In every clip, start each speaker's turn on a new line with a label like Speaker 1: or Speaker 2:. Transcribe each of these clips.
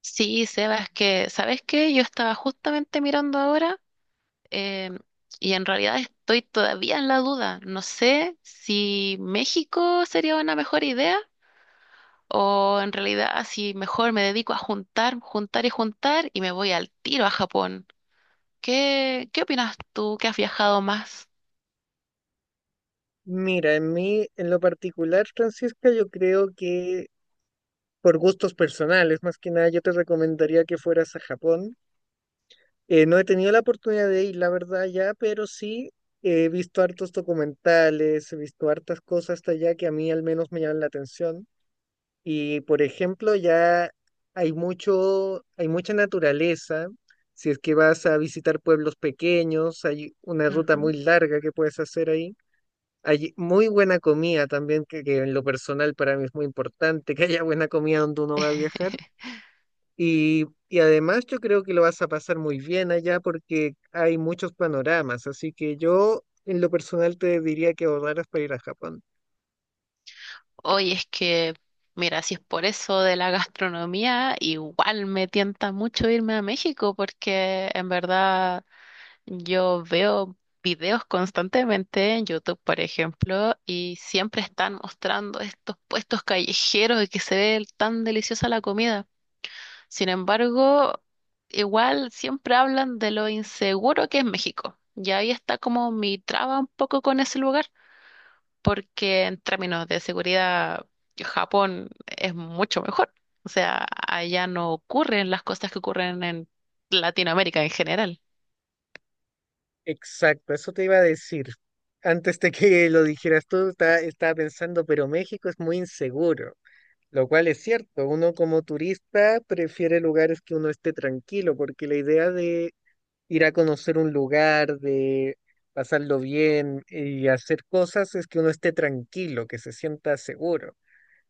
Speaker 1: Sí, Sebas, que, ¿sabes qué? Yo estaba justamente mirando ahora em, y en realidad estoy todavía en la duda. No sé si México sería una mejor idea o en realidad si mejor me dedico a juntar, juntar y juntar y me voy al tiro a Japón. ¿Qué opinas tú que has viajado más?
Speaker 2: Mira, en lo particular, Francisca, yo creo que por gustos personales, más que nada, yo te recomendaría que fueras a Japón. No he tenido la oportunidad de ir, la verdad, ya, pero sí he visto hartos documentales, he visto hartas cosas hasta allá que a mí al menos me llaman la atención. Y, por ejemplo, ya hay mucha naturaleza. Si es que vas a visitar pueblos pequeños, hay una ruta
Speaker 1: Ujú.
Speaker 2: muy larga que puedes hacer ahí. Hay muy buena comida también, que en lo personal para mí es muy importante, que haya buena comida donde uno va a viajar. Y además yo creo que lo vas a pasar muy bien allá porque hay muchos panoramas, así que yo en lo personal te diría que ahorraras para ir a Japón.
Speaker 1: Oye, es que, mira, si es por eso de la gastronomía, igual me tienta mucho irme a México porque en verdad yo veo videos constantemente en YouTube, por ejemplo, y siempre están mostrando estos puestos callejeros y que se ve tan deliciosa la comida. Sin embargo, igual siempre hablan de lo inseguro que es México. Y ahí está como mi traba un poco con ese lugar porque en términos de seguridad, Japón es mucho mejor. O sea, allá no ocurren las cosas que ocurren en Latinoamérica en general.
Speaker 2: Exacto, eso te iba a decir. Antes de que lo dijeras tú, estaba pensando, pero México es muy inseguro, lo cual es cierto. Uno como turista prefiere lugares que uno esté tranquilo, porque la idea ir a conocer un lugar, de pasarlo bien y hacer cosas es que uno esté tranquilo, que se sienta seguro.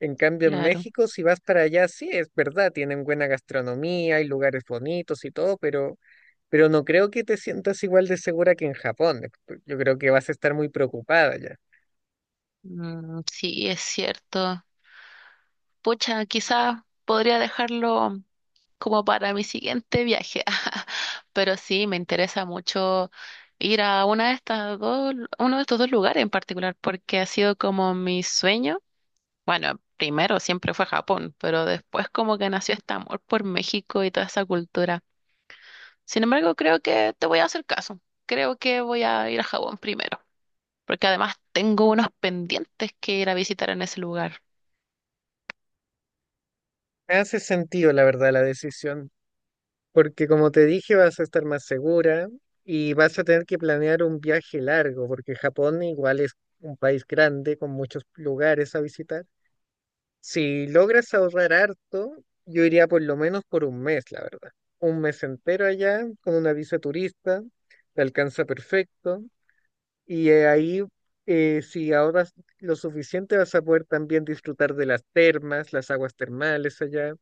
Speaker 2: En cambio, en
Speaker 1: Claro.
Speaker 2: México, si vas para allá, sí, es verdad, tienen buena gastronomía, hay lugares bonitos y todo, pero no creo que te sientas igual de segura que en Japón. Yo creo que vas a estar muy preocupada ya.
Speaker 1: Mm, sí, es cierto. Pucha, quizás podría dejarlo como para mi siguiente viaje. Pero sí, me interesa mucho ir a una de estas dos, uno de estos dos lugares en particular, porque ha sido como mi sueño. Bueno, primero siempre fue Japón, pero después como que nació este amor por México y toda esa cultura. Sin embargo, creo que te voy a hacer caso. Creo que voy a ir a Japón primero, porque además tengo unos pendientes que ir a visitar en ese lugar.
Speaker 2: Hace sentido, la verdad, la decisión. Porque como te dije, vas a estar más segura y vas a tener que planear un viaje largo, porque Japón igual es un país grande con muchos lugares a visitar. Si logras ahorrar harto, yo iría por lo menos por un mes, la verdad. Un mes entero allá con una visa turista, te alcanza perfecto. Y ahí, si ahorras lo suficiente, vas a poder también disfrutar de las termas, las aguas termales allá,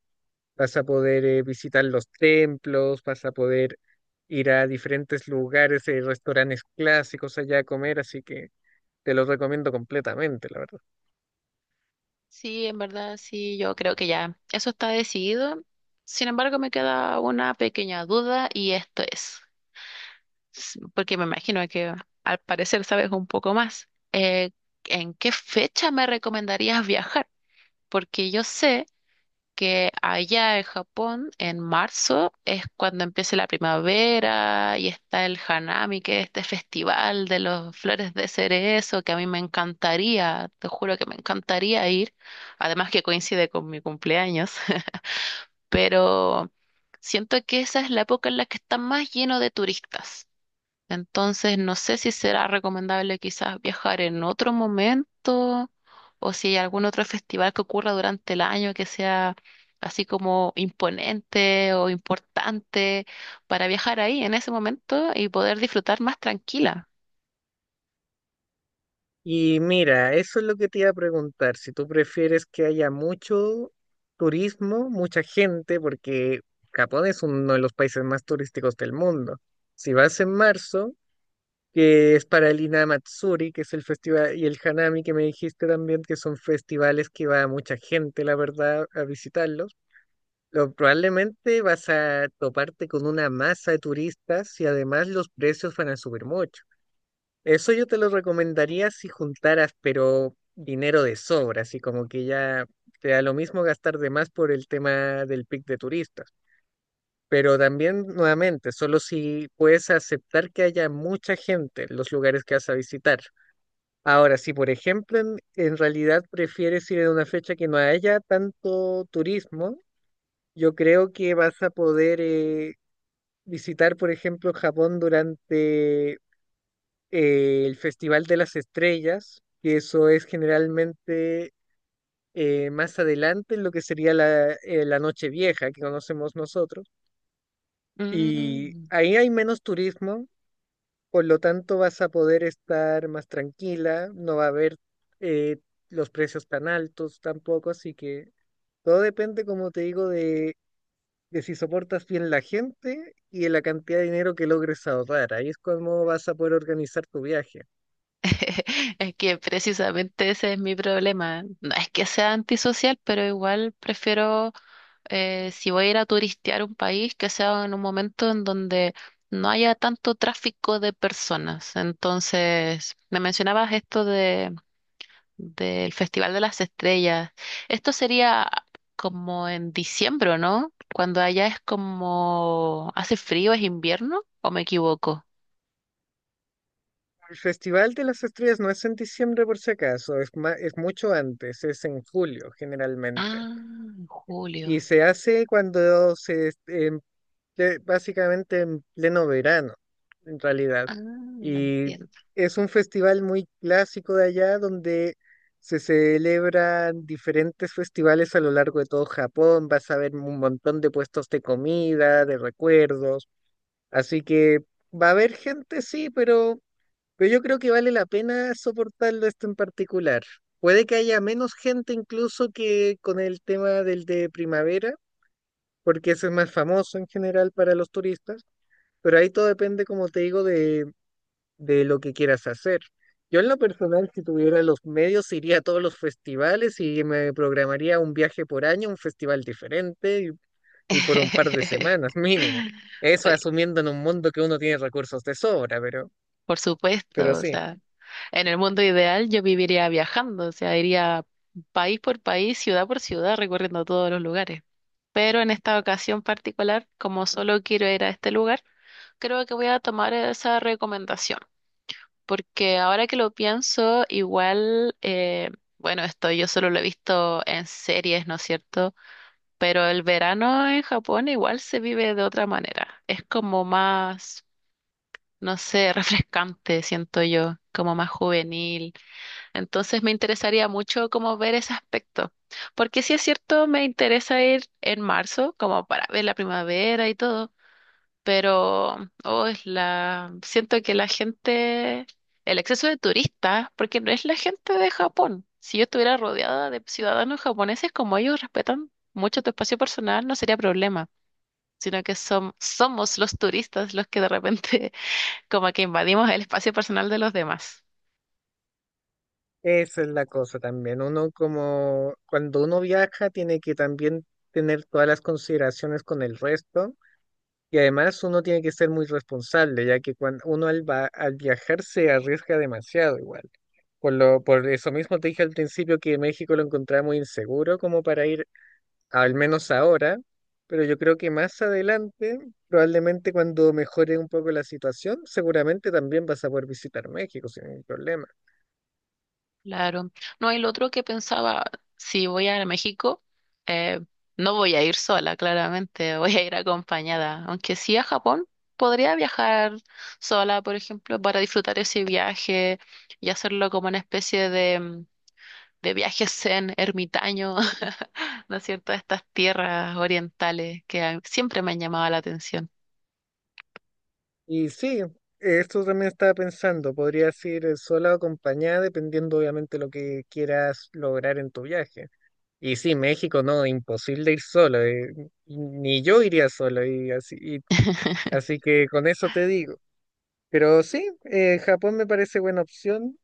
Speaker 2: vas a poder visitar los templos, vas a poder ir a diferentes lugares, restaurantes clásicos allá a comer, así que te lo recomiendo completamente, la verdad.
Speaker 1: Sí, en verdad, sí, yo creo que ya eso está decidido. Sin embargo, me queda una pequeña duda y esto es, s- porque me imagino que al parecer sabes un poco más. ¿En qué fecha me recomendarías viajar? Porque yo sé que allá en Japón, en marzo, es cuando empieza la primavera y está el Hanami, que es este festival de las flores de cerezo, que a mí me encantaría, te juro que me encantaría ir, además que coincide con mi cumpleaños, pero siento que esa es la época en la que está más lleno de turistas. Entonces, no sé si será recomendable quizás viajar en otro momento o si hay algún otro festival que ocurra durante el año que sea así como imponente o importante para viajar ahí en ese momento y poder disfrutar más tranquila.
Speaker 2: Y mira, eso es lo que te iba a preguntar, si tú prefieres que haya mucho turismo, mucha gente, porque Japón es uno de los países más turísticos del mundo. Si vas en marzo, que es para el Inamatsuri, que es el festival, y el Hanami, que me dijiste también, que son festivales que va mucha gente, la verdad, a visitarlos. Probablemente vas a toparte con una masa de turistas y además los precios van a subir mucho. Eso yo te lo recomendaría si juntaras, pero dinero de sobra, así como que ya te da lo mismo gastar de más por el tema del pic de turistas. Pero también, nuevamente, solo si puedes aceptar que haya mucha gente en los lugares que vas a visitar. Ahora, si por ejemplo en realidad prefieres ir en una fecha que no haya tanto turismo, yo creo que vas a poder visitar, por ejemplo, Japón durante el Festival de las Estrellas, que eso es generalmente más adelante en lo que sería la Noche Vieja que conocemos nosotros. Y
Speaker 1: Mm.
Speaker 2: ahí hay menos turismo. Por lo tanto, vas a poder estar más tranquila, no va a haber eh, los precios tan altos tampoco, así que todo depende, como te digo, de si soportas bien la gente y de la cantidad de dinero que logres ahorrar. Ahí es como vas a poder organizar tu viaje.
Speaker 1: Es que precisamente ese es mi problema. No es que sea antisocial, pero igual prefiero si voy a ir a turistear un país, que sea en un momento en donde no haya tanto tráfico de personas. Entonces, me mencionabas esto de, del Festival de las Estrellas. Esto sería como en diciembre, ¿no? Cuando allá es como hace frío, es invierno, ¿o me equivoco?
Speaker 2: El Festival de las Estrellas no es en diciembre, por si acaso, es mucho antes, es en julio generalmente.
Speaker 1: Ah, en
Speaker 2: Y
Speaker 1: julio.
Speaker 2: se hace cuando que básicamente en pleno verano, en realidad.
Speaker 1: Ah,
Speaker 2: Y
Speaker 1: entiendo.
Speaker 2: es un festival muy clásico de allá donde se celebran diferentes festivales a lo largo de todo Japón. Vas a ver un montón de puestos de comida, de recuerdos. Así que va a haber gente, sí, pero yo creo que vale la pena soportarlo esto en particular. Puede que haya menos gente incluso que con el tema del de primavera, porque ese es más famoso en general para los turistas, pero ahí todo depende, como te digo, de lo que quieras hacer. Yo en lo personal, si tuviera los medios, iría a todos los festivales y me programaría un viaje por año, un festival diferente, y por un par de semanas mínimo. Eso
Speaker 1: Oye,
Speaker 2: asumiendo en un mundo que uno tiene recursos de sobra, pero,
Speaker 1: por
Speaker 2: pero
Speaker 1: supuesto, o
Speaker 2: sí,
Speaker 1: sea. En el mundo ideal yo viviría viajando, o sea, iría país por país, ciudad por ciudad, recorriendo todos los lugares. Pero en esta ocasión particular, como solo quiero ir a este lugar, creo que voy a tomar esa recomendación, porque ahora que lo pienso, igual, bueno, esto yo solo lo he visto en series, ¿no es cierto? Pero el verano en Japón igual se vive de otra manera. Es como más, no sé, refrescante, siento yo, como más juvenil, entonces me interesaría mucho como ver ese aspecto, porque si es cierto, me interesa ir en marzo como para ver la primavera y todo, pero oh, es la siento que la gente, el exceso de turistas, porque no es la gente de Japón. Si yo estuviera rodeada de ciudadanos japoneses, como ellos respetan mucho tu espacio personal, no sería problema, sino que som- somos los turistas los que de repente como que invadimos el espacio personal de los demás.
Speaker 2: esa es la cosa también. Uno como cuando uno viaja tiene que también tener todas las consideraciones con el resto. Y además uno tiene que ser muy responsable, ya que cuando uno al viajar se arriesga demasiado igual. Por eso mismo te dije al principio que México lo encontraba muy inseguro como para ir, al menos ahora, pero yo creo que más adelante, probablemente cuando mejore un poco la situación, seguramente también vas a poder visitar México sin ningún problema.
Speaker 1: Claro. No, el otro que pensaba, si voy a México, eh, no voy a ir sola, claramente, voy a ir acompañada. Aunque sí a Japón, podría viajar sola, por ejemplo, para disfrutar ese viaje y hacerlo como una especie de, de viaje zen, ermitaño, ¿no es cierto? A estas tierras orientales que a- siempre me han llamado la atención.
Speaker 2: Y sí, esto también estaba pensando, podrías ir sola o acompañada, dependiendo obviamente lo que quieras lograr en tu viaje. Y sí, México, no, imposible ir solo. Ni yo iría solo, y así, así que con eso te digo. Pero sí, Japón me parece buena opción.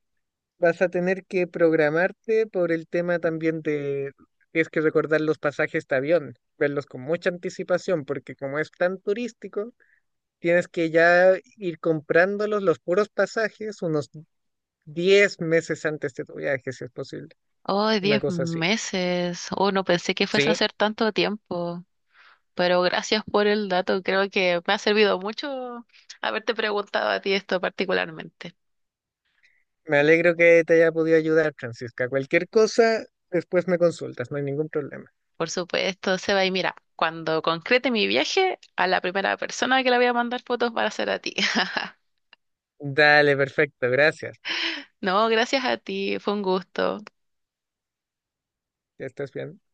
Speaker 2: Vas a tener que programarte por el tema también de, tienes que recordar los pasajes de avión, verlos con mucha anticipación, porque como es tan turístico, tienes que ya ir comprándolos los puros pasajes unos 10 meses antes de tu viaje, si es posible.
Speaker 1: Oh,
Speaker 2: Una
Speaker 1: 10
Speaker 2: cosa así.
Speaker 1: meses. Oh, no pensé que fuese a
Speaker 2: Sí.
Speaker 1: hacer tanto tiempo. Pero gracias por el dato, creo que me ha servido mucho haberte preguntado a ti esto particularmente.
Speaker 2: Me alegro que te haya podido ayudar, Francisca. Cualquier cosa, después me consultas, no hay ningún problema.
Speaker 1: Por supuesto, Seba, y mira, cuando concrete mi viaje, a la primera persona que le voy a mandar fotos va a ser a ti.
Speaker 2: Dale, perfecto, gracias.
Speaker 1: No, gracias a ti, fue un gusto.
Speaker 2: Ya estás bien.